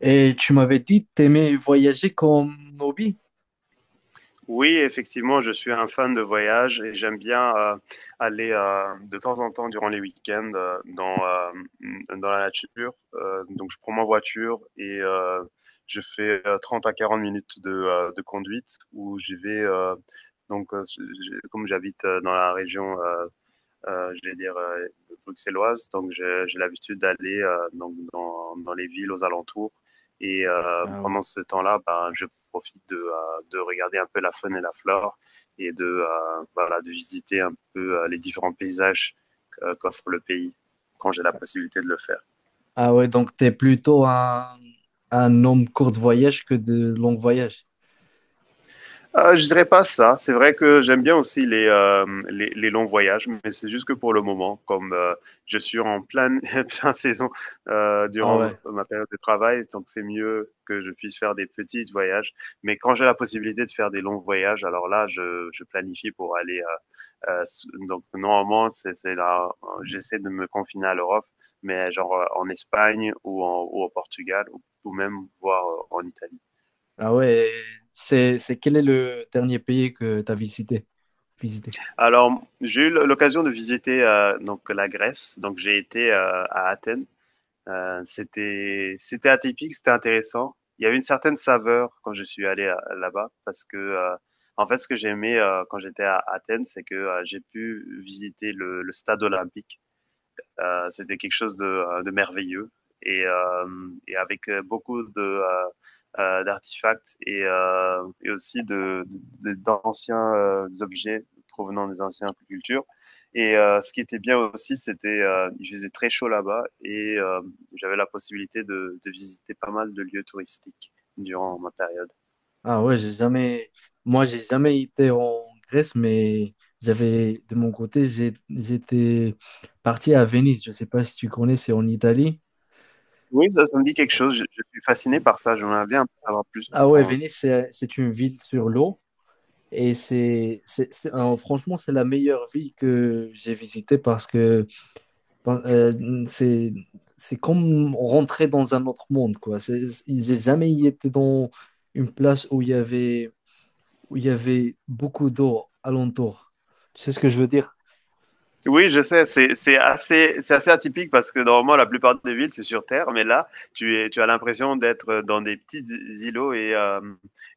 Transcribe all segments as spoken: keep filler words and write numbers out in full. Et tu m'avais dit que t'aimais voyager comme hobby. Oui, effectivement, je suis un fan de voyage et j'aime bien euh, aller euh, de temps en temps durant les week-ends euh, dans, euh, dans la nature. Euh, donc, je prends ma voiture et euh, je fais euh, trente à quarante minutes de, euh, de conduite où j'y vais. Euh, donc, euh, j'ai- comme j'habite euh, dans la région euh, euh, je vais dire, euh, bruxelloise. Donc, j'ai l'habitude d'aller euh, donc dans, dans, les villes aux alentours. Et euh, Ah ouais. pendant ce temps-là, ben, je profite de, euh, de, regarder un peu la faune et la flore et de, euh, voilà, de visiter un peu euh, les différents paysages euh, qu'offre le pays quand j'ai la possibilité de le faire. Ah ouais, donc t'es plutôt un, un homme court de voyage que de long voyage. Euh, je dirais pas ça. C'est vrai que j'aime bien aussi les, euh, les, les longs voyages, mais c'est juste que pour le moment, comme euh, je suis en pleine fin saison euh, Ah durant ouais. ma période de travail, donc c'est mieux que je puisse faire des petits voyages. Mais quand j'ai la possibilité de faire des longs voyages, alors là, je, je planifie pour aller. euh, euh, s- donc normalement, c'est c'est là, euh, j'essaie de me confiner à l'Europe, mais genre euh, en Espagne ou, en, ou au Portugal ou, ou même voir euh, en Italie. Ah ouais. et C'est, c'est Quel est le dernier pays que t'as visité? Visité. Alors, j'ai eu l'occasion de visiter euh, donc la Grèce. Donc, j'ai été euh, à Athènes. Euh, c'était c'était atypique, c'était intéressant. Il y avait une certaine saveur quand je suis allé à- là-bas parce que euh, en fait, ce que j'aimais euh, quand j'étais à Athènes, c'est que euh, j'ai pu visiter le, le stade olympique. Euh, C'était quelque chose de, euh, de merveilleux et, euh, et, avec euh, beaucoup de euh, euh, d'artefacts et, euh, et, aussi de de, d'anciens euh, objets provenant des anciennes cultures. Et euh, ce qui était bien aussi, c'était euh, il faisait très chaud là-bas et euh, j'avais la possibilité de, de, visiter pas mal de lieux touristiques durant ma période. Ah ouais, j'ai jamais, moi j'ai jamais été en Grèce, mais j'avais, de mon côté, j'ai- j'étais parti à Venise. Je sais pas si tu connais, c'est en Italie. Oui, ça, ça me dit quelque chose. Je, je suis fasciné par ça. J'aimerais bien en savoir plus sur Ah ouais, ton, Venise, c'est c'est une ville sur l'eau. Et c'est, c'est, c'est- alors, franchement, c'est la meilleure ville que j'ai visitée, parce que par- euh, c'est, c'est comme rentrer dans un autre monde, quoi. C'est- J'ai jamais été dans une place où il y avait, où il y avait beaucoup d'eau alentour. Tu sais ce que je veux dire? Oui, je sais, C'est- c'est c'est assez, c'est assez atypique parce que normalement la plupart des villes c'est sur terre, mais là tu, es, tu as l'impression d'être euh, dans des petits îlots et, euh,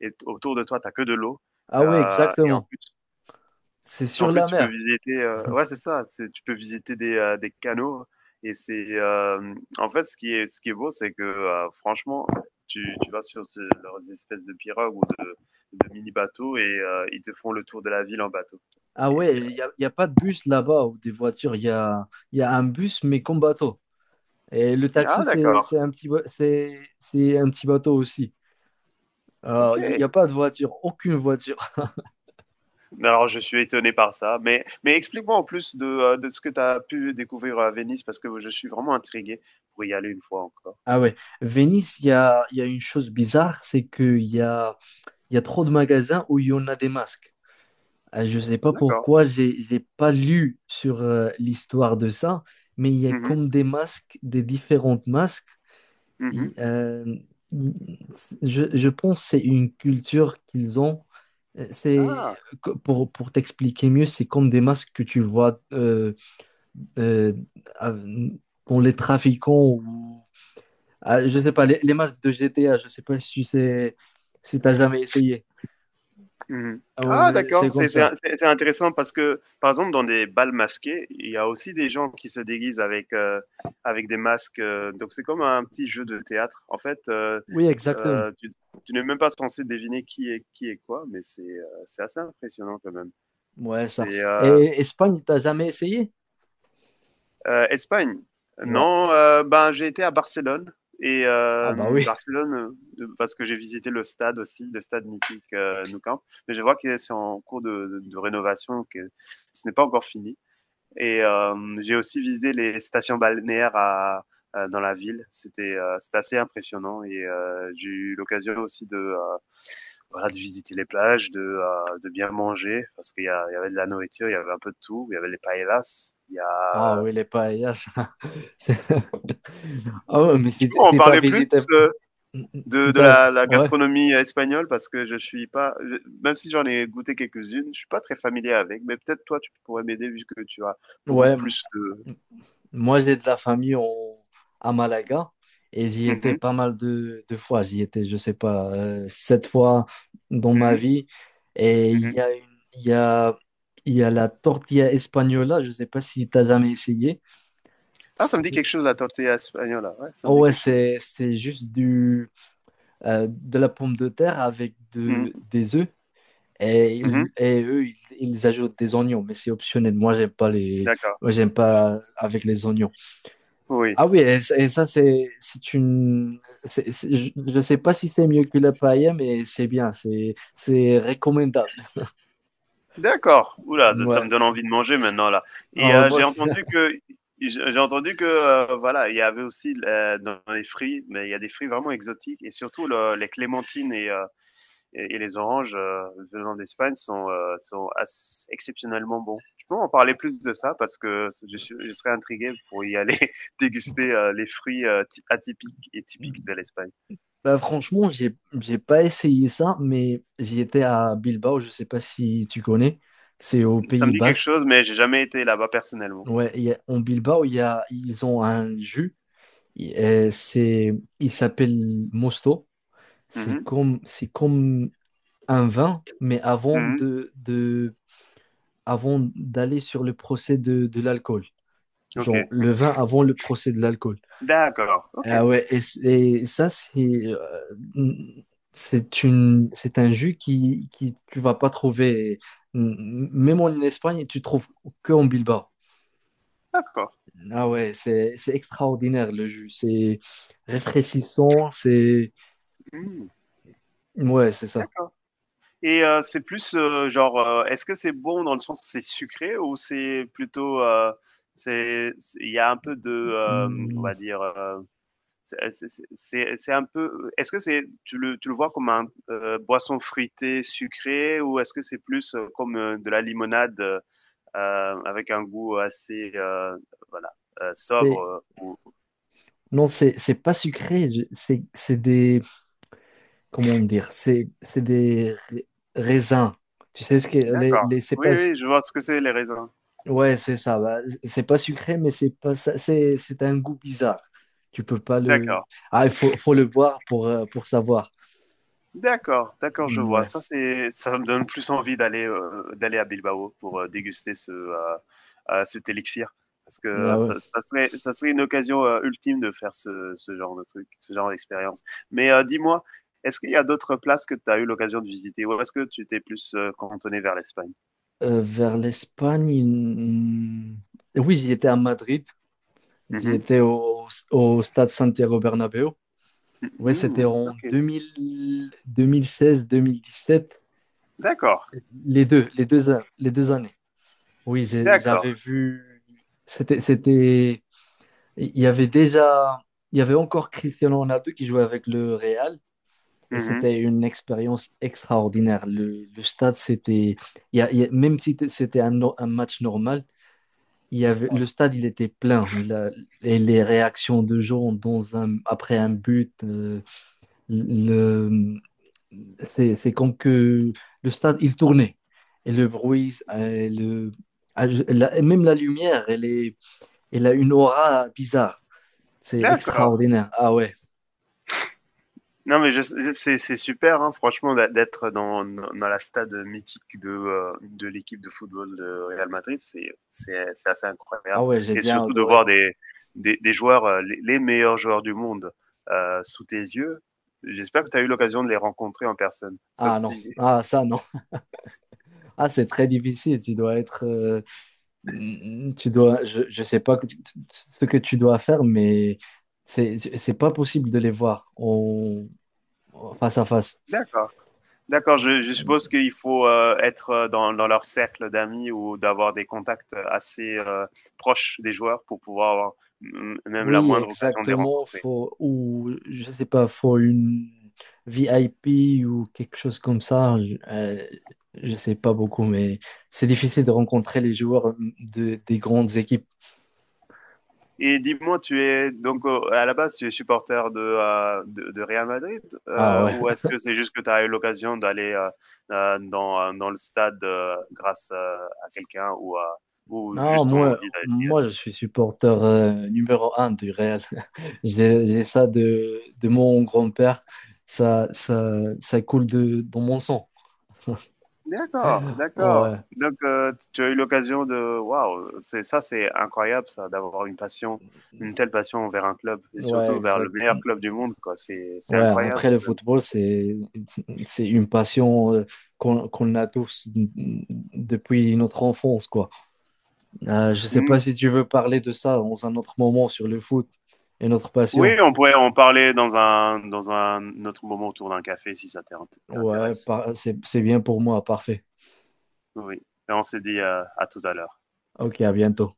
et t- autour de toi t'as que de l'eau. Ah ouais, Euh, et en exactement. plus, C'est en sur plus la tu peux mer. visiter, euh, ouais c'est ça, tu tu peux visiter des, euh, des canaux et c'est euh, en fait ce qui est, ce qui est beau c'est que euh, franchement tu, tu vas sur ce- leurs espèces de pirogues ou de, de mini bateaux et euh, ils te font le tour de la ville en bateau. Ah Et- ouais, il n'y a, il y a pas de bus là-bas ou des voitures. Il y a, il y a un bus, mais comme bateau. Et le taxi, ah c'est d'accord, c'est un petit, ba- c'est c'est un petit bateau aussi. Euh, ok. Il n'y a pas de voiture, aucune voiture. Alors, je suis étonné par ça. Mais, mais explique-moi en plus de, euh, de ce que tu as pu découvrir euh, à Venise, parce que je suis vraiment intrigué pour y aller une fois encore. Ah ouais, Venise, il y a, il y a une chose bizarre, c'est qu'il y a, il y a trop de magasins où il y en a des masques. Euh, Je ne sais pas D'accord. pourquoi, j'ai, j'ai pas lu sur euh, l'histoire de ça, mais il y a Mhm, comme des masques, des différentes masques. Il- mhm. euh, il- je, je pense que c'est une culture qu'ils ont. Euh, C'est, Ah, co- pour, pour t'expliquer mieux, c'est comme des masques que tu vois euh, euh, à- pour les trafiquants. Ah, je sais pas, les, les masques de G T A, je sais pas si c'est si t'as jamais essayé. mhm. Ah ouais, Ah, mais c'est d'accord. comme C'est c'est- ça. c'est- c'est intéressant parce que, par exemple, dans des balles masqués, il y a aussi des gens qui se déguisent avec, euh, avec des masques. euh, donc, c'est comme un petit jeu de théâtre. En fait, euh, Oui, exactement. euh, tu, tu n'es même pas censé deviner qui est, qui est quoi, mais c'est euh, c'est assez impressionnant quand même. Ouais, C'est. ça. euh, Et Espagne, t'as jamais essayé? Euh, Espagne. Ouais. Non, euh, ben, j'ai été à Barcelone. Et Ah bah euh, oui. Barcelone, euh, parce que j'ai visité le stade aussi, le stade mythique euh, Nou Camp. Mais je vois que c'est en cours de, de, de rénovation, que ce n'est pas encore fini. Et euh, j'ai aussi visité les stations balnéaires à, à- dans la ville. C'était euh, c'était assez impressionnant et euh, j'ai eu l'occasion aussi de, euh, voilà, de visiter les plages, de, euh, de bien manger parce qu'il y, a- il y avait de la nourriture, il y avait un peu de tout. Il y avait les paellas, il y a Ah euh, oui, les paellas. C'est- Ah ouais, mais Tu si, peux en si t'as parler plus visité. euh, de, Si de t'as. la, la Ouais, gastronomie espagnole parce que je suis pas, je- même si j'en ai goûté quelques-unes, je suis pas très familier avec, mais peut-être toi tu pourrais m'aider vu que tu as beaucoup ouais. plus de. Moi, j'ai de la famille en- à Malaga, et j'y étais Mhm, pas mal de, de fois. J'y étais, je sais pas, euh, sept fois dans ma mhm, vie. Et il y mhm. a une, il y a, il y a la tortilla espagnola. Je sais pas si t'as jamais essayé. Ah, ça me dit quelque C'est- chose la tortilla espagnole, hein. ouais, ça Ah me dit ouais, quelque chose. c'est, c'est juste du, euh, de la pomme de terre avec de, Mhm, des œufs. Et, mhm, ils- et eux, ils, ils ajoutent des oignons, mais c'est optionnel. Moi, j'aime pas les, d'accord, Moi, j'aime pas avec les oignons. oui. Ah oui, et, c- et ça, c'est c'est une. C'est- c'est- je ne sais pas si c'est mieux que la paella, mais c'est bien, c'est c'est recommandable. D'accord. Oula, ça Ouais. me donne envie de manger maintenant là. Ah Et ouais, euh, moi, j'ai aussi. entendu que j'ai j'ai entendu que euh, voilà, il y avait aussi euh, dans les fruits, mais il y a des fruits vraiment exotiques et surtout le- les clémentines et euh, et, et les oranges euh, venant d'Espagne sont, euh, sont assez, exceptionnellement bons. Je peux en parler plus de ça parce que je, suis, je serais intrigué pour y aller déguster euh, les fruits euh, atypiques et typiques de l'Espagne. Bah, franchement, j'ai j'ai pas essayé ça, mais j'y étais à Bilbao, je sais pas si tu connais, c'est au Ça Pays me dit quelque Basque. chose, mais j'ai jamais été là-bas personnellement. Ouais, il y a- en Bilbao, il y a, ils ont un jus, il euh, c'est, il s'appelle Mosto. C'est Mhm. comme, c'est comme un vin, mais avant Mhm. de avant d'aller sur le procès de, de l'alcool. Ok. Genre, le vin avant le procès de l'alcool. D'accord. Ah Ok. ouais, et, c- et ça, c'est euh, c'est une, c'est un jus qui, qui tu vas pas trouver, m- même en Espagne, tu trouves que en Bilbao. D'accord. Ah ouais, c'est c'est extraordinaire, le jus. C'est rafraîchissant, c'est Mm. ouais, c'est ça. D'accord. Et euh, c'est plus euh, genre, euh, est-ce que c'est bon dans le sens que c'est sucré ou c'est plutôt, euh, c'est, c'est- il y a un peu de, euh, on Mm, va dire, euh, C'est euh, c'est un peu est-ce que c'est tu le tu le vois comme un, heu, boisson fruitée sucrée ou est-ce que c'est plus, heu, comme, heu, de la limonade, heu, avec un goût assez, heu, voilà, heu, sobre, C'est heu, ou non, c'est c'est pas sucré. je- C'est c'est des, comment dire, c'est c'est des ra- raisins. Tu sais ce que les, d'accord. les c'est Oui, pas, oui, je vois ce que c'est les raisins. ouais, c'est ça. Bah, c'est pas sucré, mais c'est pas ça- c'est c'est un goût bizarre. Tu peux pas D'accord. le. Ah, il faut faut le boire pour euh, pour savoir. D'accord, d'accord, je Mm, vois. ouais. Ça, c'est ça me donne plus envie d'aller, heu, d'aller à Bilbao pour, heu, déguster ce, heu heu, cet élixir. Parce que Ah ouais. ça ça serait ça serait une occasion, heu, ultime de faire ce ce genre de truc, ce genre d'expérience. Mais, heu, dis-moi, est-ce qu'il y a d'autres places que tu as eu l'occasion de visiter ou est-ce que tu t'es plus, heu, cantonné vers l'Espagne? Euh, vers l'Espagne, mm, oui, j'y étais à Madrid, j'y Mhm. étais au, au stade Santiago Bernabéu. mh. Ouais, c'était Mmh en OK. deux deux deux mille mille seize mille dix sept. D'accord, les deux, les deux, an- Les deux années. Oui, j'ai- d'accord. j'avais vu. C'était, c'était. Il y avait déjà. Il y avait encore Cristiano Ronaldo qui jouait avec le Real, et Mhm. c'était une expérience extraordinaire. Le, le stade, c'était. il y a- il y a- Même si t- c'était un, no- un match normal, il y avait, le stade, il était plein. La- et les réactions de gens dans un, après un but, euh, le, c'est, c'est comme que le stade, il tournait. Et le bruit, euh, le, ah, je- la- même la lumière, elle est, il a une aura bizarre. C'est D'accord. extraordinaire. Ah ouais. Non, mais je- je- c'est c'est super, hein, franchement, d'a- d'être dans, dans la stade mythique de, euh, de l'équipe de football de Real Madrid, c'est c'est- c'est assez Ah incroyable. ouais, j'ai Et bien surtout de voir adoré. des, des, des joueurs, euh, les, les meilleurs joueurs du monde euh, sous tes yeux. J'espère que tu as eu l'occasion de les rencontrer en personne. Sauf Ah non. si. Ah ça non. Ah, c'est très difficile. Tu dois être. Euh, mm, tu dois. Je, je sais pas que tu- tu- ce que tu dois faire, mais c'est c'est pas possible de les voir en- en face à face. D'accord. D'accord, je, je suppose qu'il faut euh, être euh, dans, dans leur cercle d'amis ou d'avoir des contacts assez euh, proches des joueurs pour pouvoir avoir mm, même la Oui, moindre occasion de les exactement. rencontrer. Faut, ou, je sais pas, faut une V I P ou quelque chose comme ça. Je, euh, je sais pas beaucoup, mais c'est difficile de rencontrer les joueurs de, des grandes équipes. Et dis-moi, tu es donc euh, à la base, tu es supporter de, euh, de, de Real Madrid Ah euh, ouais. ou est-ce que c'est juste que tu as eu l'occasion d'aller euh, euh, dans, euh, dans le stade euh, grâce euh, à quelqu'un ou, à- ou Non, juste ton moi, envie d'aller d'y aller? moi, je suis supporter euh, numéro un du Real. J'ai j'ai ça de, de mon grand-père. Ça, ça, ça coule de, dans mon sang. D'accord, d'accord. Ouais, Donc, euh, tu as eu l'occasion de... Waouh, c'est ça, c'est incroyable, ça, d'avoir une passion, une telle passion vers un club et ouais, surtout vers le exact. meilleur club du monde, quoi. C'est, c'est Ouais, incroyable. après le football, c'est c'est une passion, euh, qu'on qu'on a tous, n- n- depuis notre enfance, quoi. Euh, je sais pas si tu veux parler de ça dans un autre moment, sur le foot et notre Oui, passion. on pourrait en parler dans un, dans un autre moment autour d'un café si ça Ouais, t'intéresse. par- c'est c'est bien pour moi, parfait. Oui, Et on s'est dit euh, à tout à l'heure. Ok, à bientôt.